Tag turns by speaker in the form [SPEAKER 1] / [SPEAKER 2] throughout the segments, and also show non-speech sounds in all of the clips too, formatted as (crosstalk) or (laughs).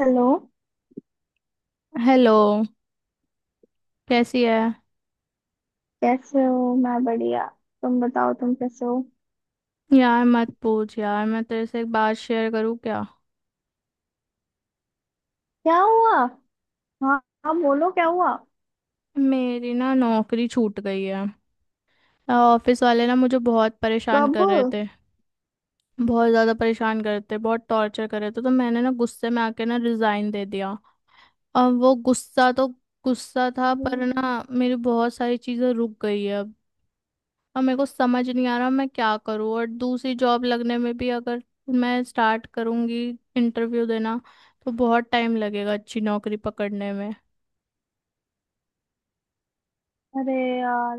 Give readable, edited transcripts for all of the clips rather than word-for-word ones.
[SPEAKER 1] Hello.
[SPEAKER 2] Hello. कैसी है?
[SPEAKER 1] कैसे हो? मैं बढ़िया। तुम बताओ, तुम कैसे हो?
[SPEAKER 2] यार मत पूछ यार। मैं तेरे से एक बात शेयर करूँ क्या?
[SPEAKER 1] क्या हुआ? हाँ, हाँ, बोलो क्या हुआ?
[SPEAKER 2] मेरी ना नौकरी छूट गई है। ऑफिस वाले ना मुझे बहुत परेशान
[SPEAKER 1] कब?
[SPEAKER 2] कर रहे थे, बहुत ज़्यादा परेशान कर रहे थे, बहुत टॉर्चर कर रहे थे, तो मैंने ना गुस्से में आके ना रिज़ाइन दे दिया। अब वो गुस्सा तो गुस्सा था, पर
[SPEAKER 1] अरे।
[SPEAKER 2] ना मेरी बहुत सारी चीज़ें रुक गई है। और मेरे को समझ नहीं आ रहा मैं क्या करूँ, और दूसरी जॉब लगने में भी अगर मैं स्टार्ट करूंगी इंटरव्यू देना तो बहुत टाइम लगेगा अच्छी नौकरी पकड़ने में।
[SPEAKER 1] अरे यार,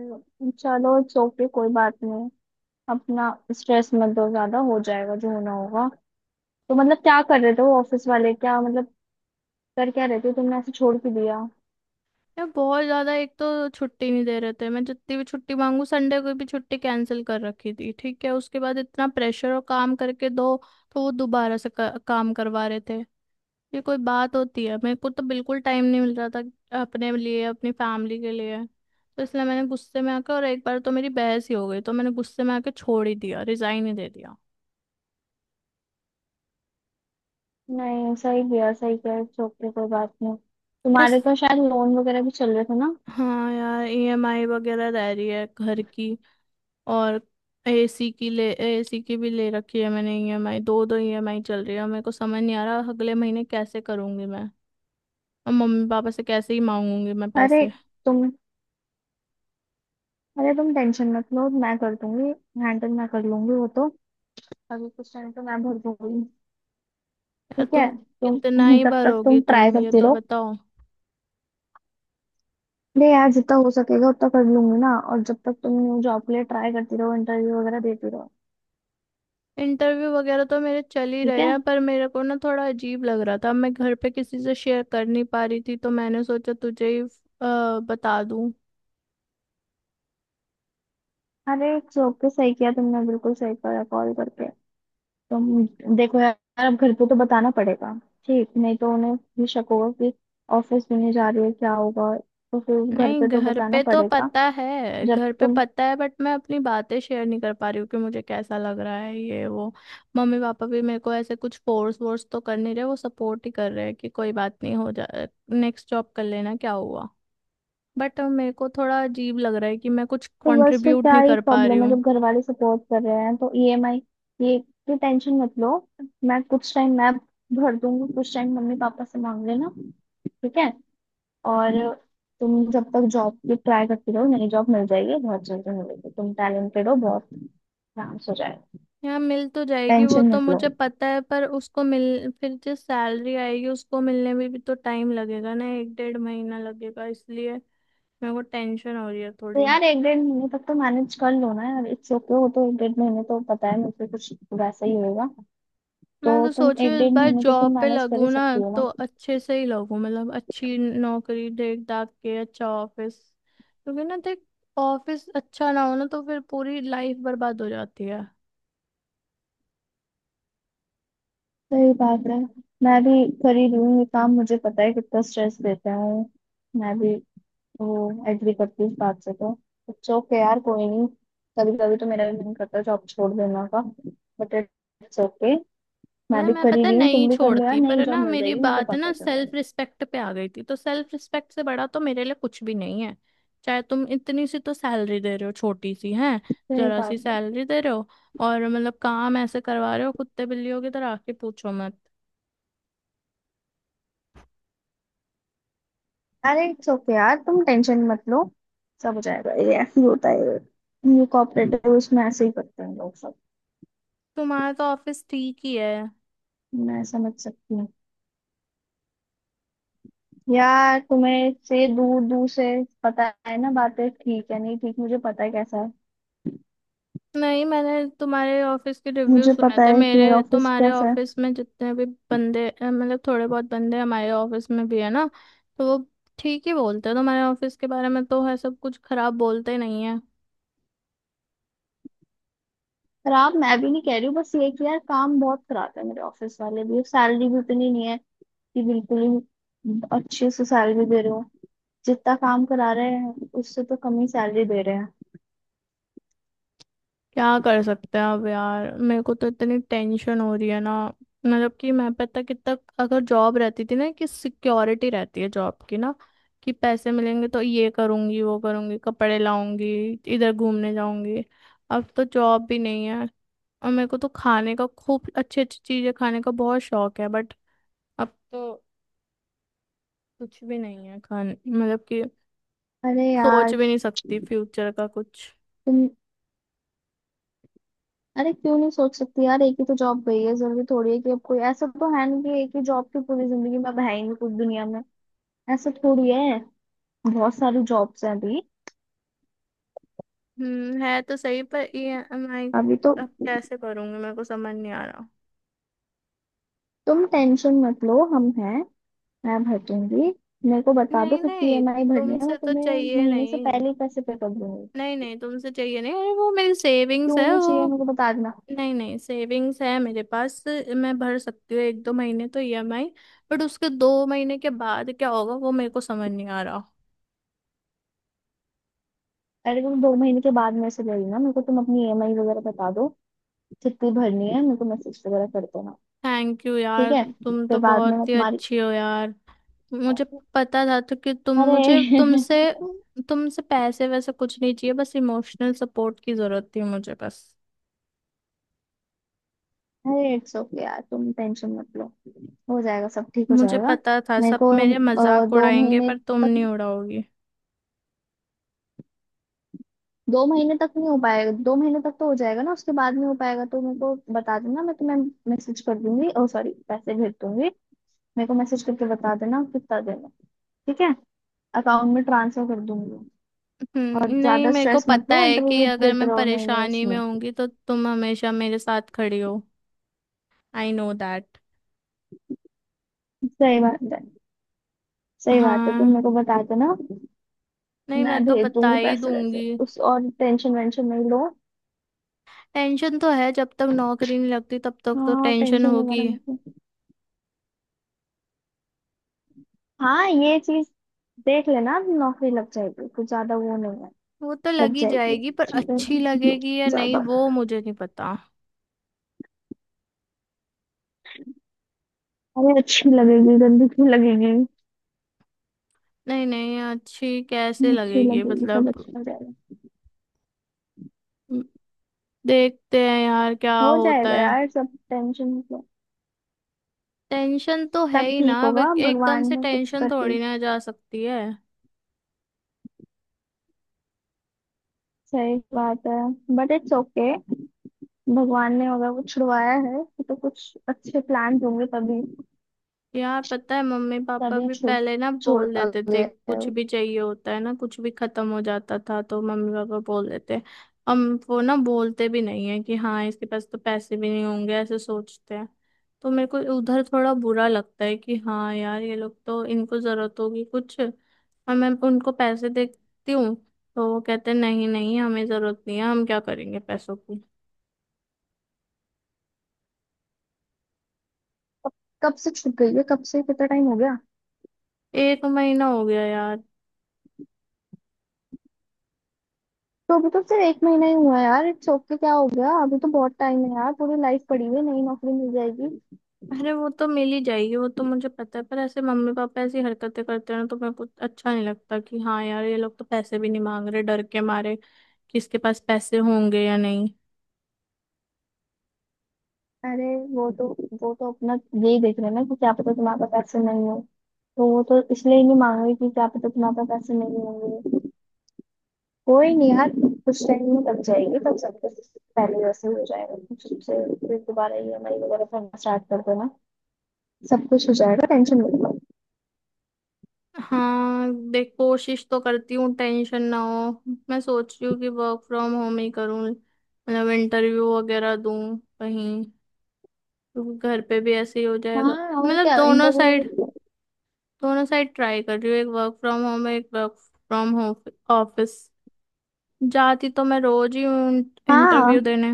[SPEAKER 1] चलो इट्स ओके, कोई बात नहीं। अपना स्ट्रेस मत दो, ज्यादा हो जाएगा। जो होना होगा। तो मतलब क्या कर रहे थे वो ऑफिस वाले? क्या मतलब, कर क्या रहे थे? तुमने ऐसे छोड़ के दिया?
[SPEAKER 2] यार बहुत ज़्यादा, एक तो छुट्टी नहीं दे रहे थे, मैं जितनी भी छुट्टी मांगू संडे को भी छुट्टी कैंसिल कर रखी थी। ठीक है, उसके बाद इतना प्रेशर और काम करके दो तो वो दोबारा से काम करवा रहे थे। ये कोई बात होती है? मेरे को तो बिल्कुल टाइम नहीं मिल रहा था अपने लिए, अपनी फैमिली के लिए। तो इसलिए मैंने गुस्से में आकर, और एक बार तो मेरी बहस ही हो गई, तो मैंने गुस्से में आके छोड़ ही दिया, रिजाइन ही दे दिया।
[SPEAKER 1] नहीं, सही किया, सही किया। इट्स ओके, कोई बात नहीं।
[SPEAKER 2] यस।
[SPEAKER 1] तुम्हारे तो शायद लोन वगैरह भी चल रहे थे ना?
[SPEAKER 2] हाँ यार, ईएमआई वगैरह रह रही है घर की, और एसी की ले, एसी की भी ले रखी है मैंने ईएमआई, दो दो ईएमआई चल रही है। मेरे को समझ नहीं आ रहा अगले महीने कैसे करूंगी मैं, और मम्मी पापा से कैसे ही मांगूंगी मैं
[SPEAKER 1] अरे
[SPEAKER 2] पैसे।
[SPEAKER 1] तुम अरे तुम टेंशन मत लो, मैं कर दूंगी। हैंडल मैं कर लूंगी वो तो। अभी कुछ टाइम तो मैं भर दूंगी।
[SPEAKER 2] यार
[SPEAKER 1] ठीक
[SPEAKER 2] तुम
[SPEAKER 1] है। तुम
[SPEAKER 2] कितना
[SPEAKER 1] (laughs)
[SPEAKER 2] ही
[SPEAKER 1] तब तक
[SPEAKER 2] भरोगी
[SPEAKER 1] तुम ट्राई
[SPEAKER 2] तुम, ये
[SPEAKER 1] करती
[SPEAKER 2] तो
[SPEAKER 1] रहो।
[SPEAKER 2] बताओ।
[SPEAKER 1] नहीं यार, जितना हो सकेगा उतना कर लूंगी ना। और जब तक तुम न्यू जॉब के लिए ट्राई करती रहो, इंटरव्यू वगैरह देती रहो।
[SPEAKER 2] इंटरव्यू वगैरह तो मेरे चल ही
[SPEAKER 1] ठीक
[SPEAKER 2] रहे
[SPEAKER 1] है।
[SPEAKER 2] हैं, पर मेरे को ना थोड़ा अजीब लग रहा था। मैं घर पे किसी से शेयर कर नहीं पा रही थी, तो मैंने सोचा तुझे ही बता दूं।
[SPEAKER 1] अरे जॉब पे सही किया तुमने, बिल्कुल सही करा कॉल करके। तुम देखो यार, अब घर पे तो बताना पड़ेगा। ठीक, नहीं तो उन्हें भी शक होगा कि ऑफिस भी नहीं जा रही है, क्या होगा। तो फिर घर
[SPEAKER 2] नहीं,
[SPEAKER 1] पे तो
[SPEAKER 2] घर
[SPEAKER 1] बताना
[SPEAKER 2] पे तो
[SPEAKER 1] पड़ेगा।
[SPEAKER 2] पता है,
[SPEAKER 1] जब
[SPEAKER 2] घर पे
[SPEAKER 1] तुम,
[SPEAKER 2] पता है, बट मैं अपनी बातें शेयर नहीं कर पा रही हूँ कि मुझे कैसा लग रहा है ये वो। मम्मी पापा भी मेरे को ऐसे कुछ फोर्स वोर्स तो कर नहीं रहे, वो सपोर्ट ही कर रहे हैं कि कोई बात नहीं, हो जा, नेक्स्ट जॉब कर लेना, क्या हुआ। बट मेरे को थोड़ा अजीब लग रहा है कि मैं कुछ
[SPEAKER 1] तो बस फिर
[SPEAKER 2] कंट्रीब्यूट
[SPEAKER 1] क्या
[SPEAKER 2] नहीं
[SPEAKER 1] ही
[SPEAKER 2] कर पा रही
[SPEAKER 1] प्रॉब्लम है?
[SPEAKER 2] हूँ।
[SPEAKER 1] जब घर वाले सपोर्ट कर रहे हैं तो ईएमआई, ये की टेंशन मत लो। मैं कुछ टाइम मैं भर दूंगी, कुछ टाइम मम्मी पापा से मांग लेना। ठीक है। और तुम जब तक जॉब की ट्राई करती रहो, नई जॉब मिल जाएगी, बहुत जल्दी मिलेगी। तुम टैलेंटेड हो बहुत, आराम से हो जाएगा।
[SPEAKER 2] यहाँ मिल तो जाएगी, वो
[SPEAKER 1] टेंशन
[SPEAKER 2] तो
[SPEAKER 1] मत लो।
[SPEAKER 2] मुझे पता है, पर उसको मिल, फिर जो सैलरी आएगी उसको मिलने में भी तो टाइम लगेगा ना, एक डेढ़ महीना लगेगा, इसलिए मेरे को टेंशन हो रही है
[SPEAKER 1] तो
[SPEAKER 2] थोड़ी।
[SPEAKER 1] यार एक डेढ़ महीने तक तो मैनेज कर लो ना यार। इट्स ओके, वो तो एक डेढ़ महीने तो पता है मुझे, कुछ वैसा ही होगा।
[SPEAKER 2] मैं
[SPEAKER 1] तो
[SPEAKER 2] तो
[SPEAKER 1] तुम
[SPEAKER 2] सोच रही
[SPEAKER 1] एक
[SPEAKER 2] हूँ इस
[SPEAKER 1] डेढ़
[SPEAKER 2] बार
[SPEAKER 1] महीने तो तुम
[SPEAKER 2] जॉब पे
[SPEAKER 1] मैनेज कर ही
[SPEAKER 2] लगूँ ना
[SPEAKER 1] सकती हो।
[SPEAKER 2] तो अच्छे से ही लगूँ, मतलब अच्छी नौकरी देख दाख के, अच्छा ऑफिस, क्योंकि ना देख, ऑफिस अच्छा ना हो ना तो फिर पूरी लाइफ बर्बाद हो जाती है।
[SPEAKER 1] सही बात है। मैं भी कर ही रही हूँ ये काम, मुझे पता है कितना स्ट्रेस देता है। मैं भी वो एग्री करती हूँ इस बात से तो। इट्स ओके यार, कोई नहीं। कभी कभी तो मेरा भी मन करता है जॉब छोड़ देना का। बट इट्स ओके, मैं
[SPEAKER 2] यार
[SPEAKER 1] भी
[SPEAKER 2] मैं,
[SPEAKER 1] कर ही
[SPEAKER 2] पता है,
[SPEAKER 1] रही हूँ,
[SPEAKER 2] नहीं
[SPEAKER 1] तुम भी कर लो यार।
[SPEAKER 2] छोड़ती, पर
[SPEAKER 1] नई
[SPEAKER 2] है
[SPEAKER 1] जॉब
[SPEAKER 2] ना,
[SPEAKER 1] मिल
[SPEAKER 2] मेरी
[SPEAKER 1] जाएगी, मेरे को
[SPEAKER 2] बात है
[SPEAKER 1] पता
[SPEAKER 2] ना
[SPEAKER 1] है तुम्हारा।
[SPEAKER 2] सेल्फ रिस्पेक्ट पे आ गई थी, तो सेल्फ रिस्पेक्ट से बड़ा तो मेरे लिए कुछ भी नहीं है। चाहे तुम इतनी सी तो सैलरी दे रहे हो, छोटी सी है,
[SPEAKER 1] सही
[SPEAKER 2] जरा सी
[SPEAKER 1] बात है।
[SPEAKER 2] सैलरी दे रहे हो, और मतलब काम ऐसे करवा रहे हो कुत्ते बिल्लियों की तरह, आके पूछो मत।
[SPEAKER 1] अरे इट्स ओके यार, तुम टेंशन मत लो। सब हो जाएगा, ये ऐसे ही होता है। ये कॉपरेटिव उसमें ऐसे ही करते हैं लोग सब।
[SPEAKER 2] तुम्हारा तो ऑफिस ठीक ही है।
[SPEAKER 1] मैं समझ सकती हूँ यार, तुम्हें से दूर दूर से पता है ना बातें, ठीक है नहीं ठीक, मुझे पता है कैसा है।
[SPEAKER 2] नहीं, मैंने तुम्हारे ऑफिस के रिव्यू
[SPEAKER 1] मुझे
[SPEAKER 2] सुने
[SPEAKER 1] पता
[SPEAKER 2] थे,
[SPEAKER 1] है कि
[SPEAKER 2] मेरे
[SPEAKER 1] मेरा ऑफिस
[SPEAKER 2] तुम्हारे
[SPEAKER 1] कैसा है।
[SPEAKER 2] ऑफिस में जितने भी बंदे मतलब थोड़े बहुत बंदे हमारे ऑफिस में भी है ना, तो वो ठीक ही बोलते हैं तुम्हारे ऑफिस के बारे में, तो है सब कुछ खराब बोलते नहीं है।
[SPEAKER 1] खराब मैं भी नहीं कह रही हूँ, बस ये कि यार काम बहुत खराब है मेरे ऑफिस वाले भी, सैलरी भी उतनी नहीं है। कि बिल्कुल ही अच्छे से सैलरी दे रहे हो, जितना काम करा रहे हैं उससे तो कम ही सैलरी दे रहे हैं।
[SPEAKER 2] क्या कर सकते हैं अब यार, मेरे को तो इतनी टेंशन हो रही है ना। मतलब कि मैं, पता कितना, अगर जॉब रहती थी ना, कि सिक्योरिटी रहती है जॉब की ना, कि पैसे मिलेंगे तो ये करूंगी वो करूंगी, कपड़े लाऊंगी, इधर घूमने जाऊंगी। अब तो जॉब भी नहीं है। और मेरे को तो खाने का, खूब अच्छी अच्छी चीजें खाने का बहुत शौक है, बट अब तो कुछ भी नहीं है खाने, मतलब कि
[SPEAKER 1] अरे
[SPEAKER 2] सोच
[SPEAKER 1] यार,
[SPEAKER 2] भी नहीं सकती फ्यूचर का कुछ।
[SPEAKER 1] तुम, अरे क्यों नहीं सोच सकती यार? एक ही तो जॉब गई है, जरूरी थोड़ी है कि अब कोई ऐसा तो है नहीं कि एक ही जॉब की पूरी जिंदगी में, अब है ही नहीं कुछ दुनिया में, ऐसा थोड़ी है। बहुत सारी जॉब्स हैं अभी।
[SPEAKER 2] हम्म, है तो सही, पर ईएमआई
[SPEAKER 1] अभी तो
[SPEAKER 2] अब कैसे भरूंगी मेरे को समझ नहीं आ रहा।
[SPEAKER 1] तुम टेंशन मत लो, हम हैं। मैं भर दूंगी, मेरे को बता दो
[SPEAKER 2] नहीं
[SPEAKER 1] कितनी
[SPEAKER 2] नहीं,
[SPEAKER 1] ईएमआई भरनी है,
[SPEAKER 2] तुमसे
[SPEAKER 1] मैं
[SPEAKER 2] तो
[SPEAKER 1] तुम्हें
[SPEAKER 2] चाहिए
[SPEAKER 1] महीने से
[SPEAKER 2] नहीं,
[SPEAKER 1] पहले ही पैसे पे कर दूंगी।
[SPEAKER 2] नहीं नहीं, तुमसे चाहिए नहीं। अरे वो मेरी सेविंग्स
[SPEAKER 1] क्यों
[SPEAKER 2] है
[SPEAKER 1] नहीं चाहिए?
[SPEAKER 2] वो,
[SPEAKER 1] मेरे को बता देना।
[SPEAKER 2] नहीं नहीं, सेविंग्स है मेरे पास, मैं भर सकती हूँ एक दो महीने तो ईएमआई, बट उसके दो महीने के बाद क्या होगा वो मेरे को समझ नहीं आ रहा।
[SPEAKER 1] अरे तुम दो महीने के बाद मेरे से ले लेना, मेरे को तुम अपनी ईएमआई वगैरह बता दो कितनी भरनी है, मेरे को मैसेज वगैरह कर देना।
[SPEAKER 2] थैंक यू
[SPEAKER 1] ठीक
[SPEAKER 2] यार,
[SPEAKER 1] है।
[SPEAKER 2] तुम
[SPEAKER 1] फिर
[SPEAKER 2] तो
[SPEAKER 1] बाद में मैं
[SPEAKER 2] बहुत ही
[SPEAKER 1] तुम्हारी,
[SPEAKER 2] अच्छी हो यार। मुझे पता था तो कि तुम,
[SPEAKER 1] अरे
[SPEAKER 2] मुझे तुमसे,
[SPEAKER 1] (laughs)
[SPEAKER 2] तुमसे पैसे वैसे कुछ नहीं चाहिए, बस इमोशनल सपोर्ट की जरूरत थी मुझे, बस।
[SPEAKER 1] अरे इट्स ओके यार, तुम टेंशन मत लो, हो जाएगा सब, ठीक हो
[SPEAKER 2] मुझे
[SPEAKER 1] जाएगा।
[SPEAKER 2] पता था
[SPEAKER 1] मेरे
[SPEAKER 2] सब
[SPEAKER 1] को
[SPEAKER 2] मेरे मजाक
[SPEAKER 1] दो
[SPEAKER 2] उड़ाएंगे,
[SPEAKER 1] महीने
[SPEAKER 2] पर तुम नहीं
[SPEAKER 1] तक,
[SPEAKER 2] उड़ाओगी।
[SPEAKER 1] दो महीने तक नहीं हो पाएगा, दो महीने तक तो हो जाएगा ना, उसके बाद नहीं हो पाएगा तो मेरे को बता देना, मैं तुम्हें मैसेज कर दूंगी। ओ सॉरी, पैसे भेज दूंगी। मेरे को मैसेज करके बता देना कितना देना। ठीक है, अकाउंट में ट्रांसफर कर दूंगी। और
[SPEAKER 2] नहीं
[SPEAKER 1] ज्यादा
[SPEAKER 2] मेरे को
[SPEAKER 1] स्ट्रेस मत
[SPEAKER 2] पता
[SPEAKER 1] लो,
[SPEAKER 2] है कि
[SPEAKER 1] इंटरव्यू
[SPEAKER 2] अगर
[SPEAKER 1] देते
[SPEAKER 2] मैं
[SPEAKER 1] रहो। नहीं नहीं
[SPEAKER 2] परेशानी
[SPEAKER 1] उसमें,
[SPEAKER 2] में होंगी तो तुम हमेशा मेरे साथ खड़ी हो। I know that.
[SPEAKER 1] सही बात है, सही बात है। तुम
[SPEAKER 2] हाँ,
[SPEAKER 1] मेरे को बता देना,
[SPEAKER 2] नहीं
[SPEAKER 1] मैं
[SPEAKER 2] मैं तो
[SPEAKER 1] भेज
[SPEAKER 2] बता
[SPEAKER 1] दूंगी
[SPEAKER 2] ही
[SPEAKER 1] पैसे वैसे
[SPEAKER 2] दूंगी।
[SPEAKER 1] उस, और टेंशन वेंशन नहीं लो।
[SPEAKER 2] टेंशन तो है, जब तक नौकरी नहीं लगती तब तक तो
[SPEAKER 1] हाँ
[SPEAKER 2] टेंशन
[SPEAKER 1] टेंशन वगैरह
[SPEAKER 2] होगी।
[SPEAKER 1] मत लो। हाँ ये चीज देख लेना, नौकरी लग जाएगी, कुछ ज्यादा वो नहीं है।
[SPEAKER 2] वो तो
[SPEAKER 1] लग
[SPEAKER 2] लगी
[SPEAKER 1] जाएगी,
[SPEAKER 2] जाएगी, पर
[SPEAKER 1] ठीक है।
[SPEAKER 2] अच्छी लगेगी या नहीं
[SPEAKER 1] ज्यादा,
[SPEAKER 2] वो मुझे नहीं पता।
[SPEAKER 1] अरे अच्छी लगेगी, गंदी क्यों लगेगी?
[SPEAKER 2] नहीं नहीं, अच्छी कैसे
[SPEAKER 1] अच्छी
[SPEAKER 2] लगेगी,
[SPEAKER 1] लगेगी, सब
[SPEAKER 2] मतलब
[SPEAKER 1] अच्छा हो जाएगा।
[SPEAKER 2] म, देखते हैं यार क्या
[SPEAKER 1] हो
[SPEAKER 2] होता
[SPEAKER 1] जाएगा
[SPEAKER 2] है।
[SPEAKER 1] यार सब, टेंशन मतलब,
[SPEAKER 2] टेंशन तो है
[SPEAKER 1] सब
[SPEAKER 2] ही ना,
[SPEAKER 1] ठीक होगा।
[SPEAKER 2] बट एकदम
[SPEAKER 1] भगवान
[SPEAKER 2] से
[SPEAKER 1] ने कुछ
[SPEAKER 2] टेंशन
[SPEAKER 1] करती,
[SPEAKER 2] थोड़ी ना जा सकती है।
[SPEAKER 1] सही बात है। बट इट्स ओके, भगवान ने अगर कुछ छुड़वाया है तो कुछ अच्छे प्लान होंगे तभी।
[SPEAKER 2] यार पता है, मम्मी पापा
[SPEAKER 1] तभी
[SPEAKER 2] भी
[SPEAKER 1] छूट
[SPEAKER 2] पहले ना
[SPEAKER 1] छोड़
[SPEAKER 2] बोल देते थे,
[SPEAKER 1] गया है।
[SPEAKER 2] कुछ भी चाहिए होता है ना, कुछ भी खत्म हो जाता था तो मम्मी पापा बोल देते, हम वो ना, बोलते भी नहीं है कि हाँ इसके पास तो पैसे भी नहीं होंगे, ऐसे सोचते हैं। तो मेरे को उधर थोड़ा बुरा लगता है कि हाँ यार, ये लोग तो, इनको जरूरत होगी कुछ, और मैं उनको पैसे देती हूँ तो वो कहते हैं, नहीं नहीं हमें जरूरत नहीं है, हम क्या करेंगे पैसों की।
[SPEAKER 1] कब कब से छूट गई है? कब से, कितना टाइम हो गया?
[SPEAKER 2] एक महीना हो गया यार।
[SPEAKER 1] तो अभी तो सिर्फ एक महीना ही हुआ है यार, इट्स ओके, क्या हो गया? अभी तो बहुत टाइम है यार, पूरी लाइफ पड़ी हुई है, नई नौकरी मिल जाएगी।
[SPEAKER 2] अरे वो तो मिल ही जाएगी वो तो मुझे पता है, पर ऐसे मम्मी पापा ऐसी हरकतें करते हैं ना, तो मेरे को अच्छा नहीं लगता कि हाँ यार ये लोग तो पैसे भी नहीं मांग रहे डर के मारे कि इसके पास पैसे होंगे या नहीं।
[SPEAKER 1] अरे वो तो अपना यही देख रहे हैं ना, कि क्या पता तुम्हारे पास पैसे नहीं हो, तो वो तो इसलिए ही नहीं मांग रही कि क्या पता तुम्हारे पास पैसे नहीं होंगे। कोई नहीं यार, कुछ टाइम में लग जाएगी, तब सब कुछ पहले जैसे हो जाएगा फिर से। फिर दोबारा EMI वगैरह भरना स्टार्ट कर देना, सब कुछ हो जाएगा। टेंशन मत लो।
[SPEAKER 2] हाँ देख, कोशिश तो करती हूँ टेंशन ना हो। मैं सोच रही हूँ कि वर्क फ्रॉम होम ही करूँ, मतलब इंटरव्यू वगैरह दूँ कहीं, क्योंकि घर पे भी ऐसे ही हो जाएगा।
[SPEAKER 1] हाँ, और
[SPEAKER 2] मतलब
[SPEAKER 1] क्या,
[SPEAKER 2] दोनों
[SPEAKER 1] इंटरव्यू
[SPEAKER 2] साइड,
[SPEAKER 1] वगैरह।
[SPEAKER 2] दोनों साइड ट्राई कर रही हूँ, एक वर्क फ्रॉम होम, एक वर्क फ्रॉम होम, ऑफिस जाती तो मैं रोज ही हूँ इंटरव्यू
[SPEAKER 1] हाँ,
[SPEAKER 2] देने।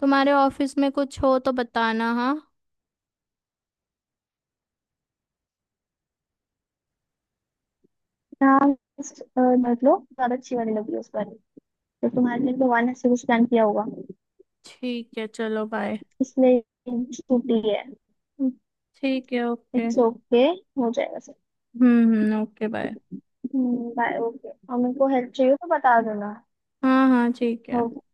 [SPEAKER 2] तुम्हारे ऑफिस में कुछ हो तो बताना। हाँ
[SPEAKER 1] हाँ। मतलब ज्यादा अच्छी वाली लगी उस पर, तो तुम्हारे लिए भगवान ने सब कुछ प्लान किया होगा
[SPEAKER 2] ठीक है, चलो बाय।
[SPEAKER 1] इसलिए छुट्टी है।
[SPEAKER 2] ठीक है, ओके।
[SPEAKER 1] इट्स ओके, हो जाएगा सब।
[SPEAKER 2] हम्म, ओके बाय।
[SPEAKER 1] Bye, okay. और मेरे को हेल्प चाहिए तो बता देना।
[SPEAKER 2] हाँ हाँ ठीक है।
[SPEAKER 1] Okay.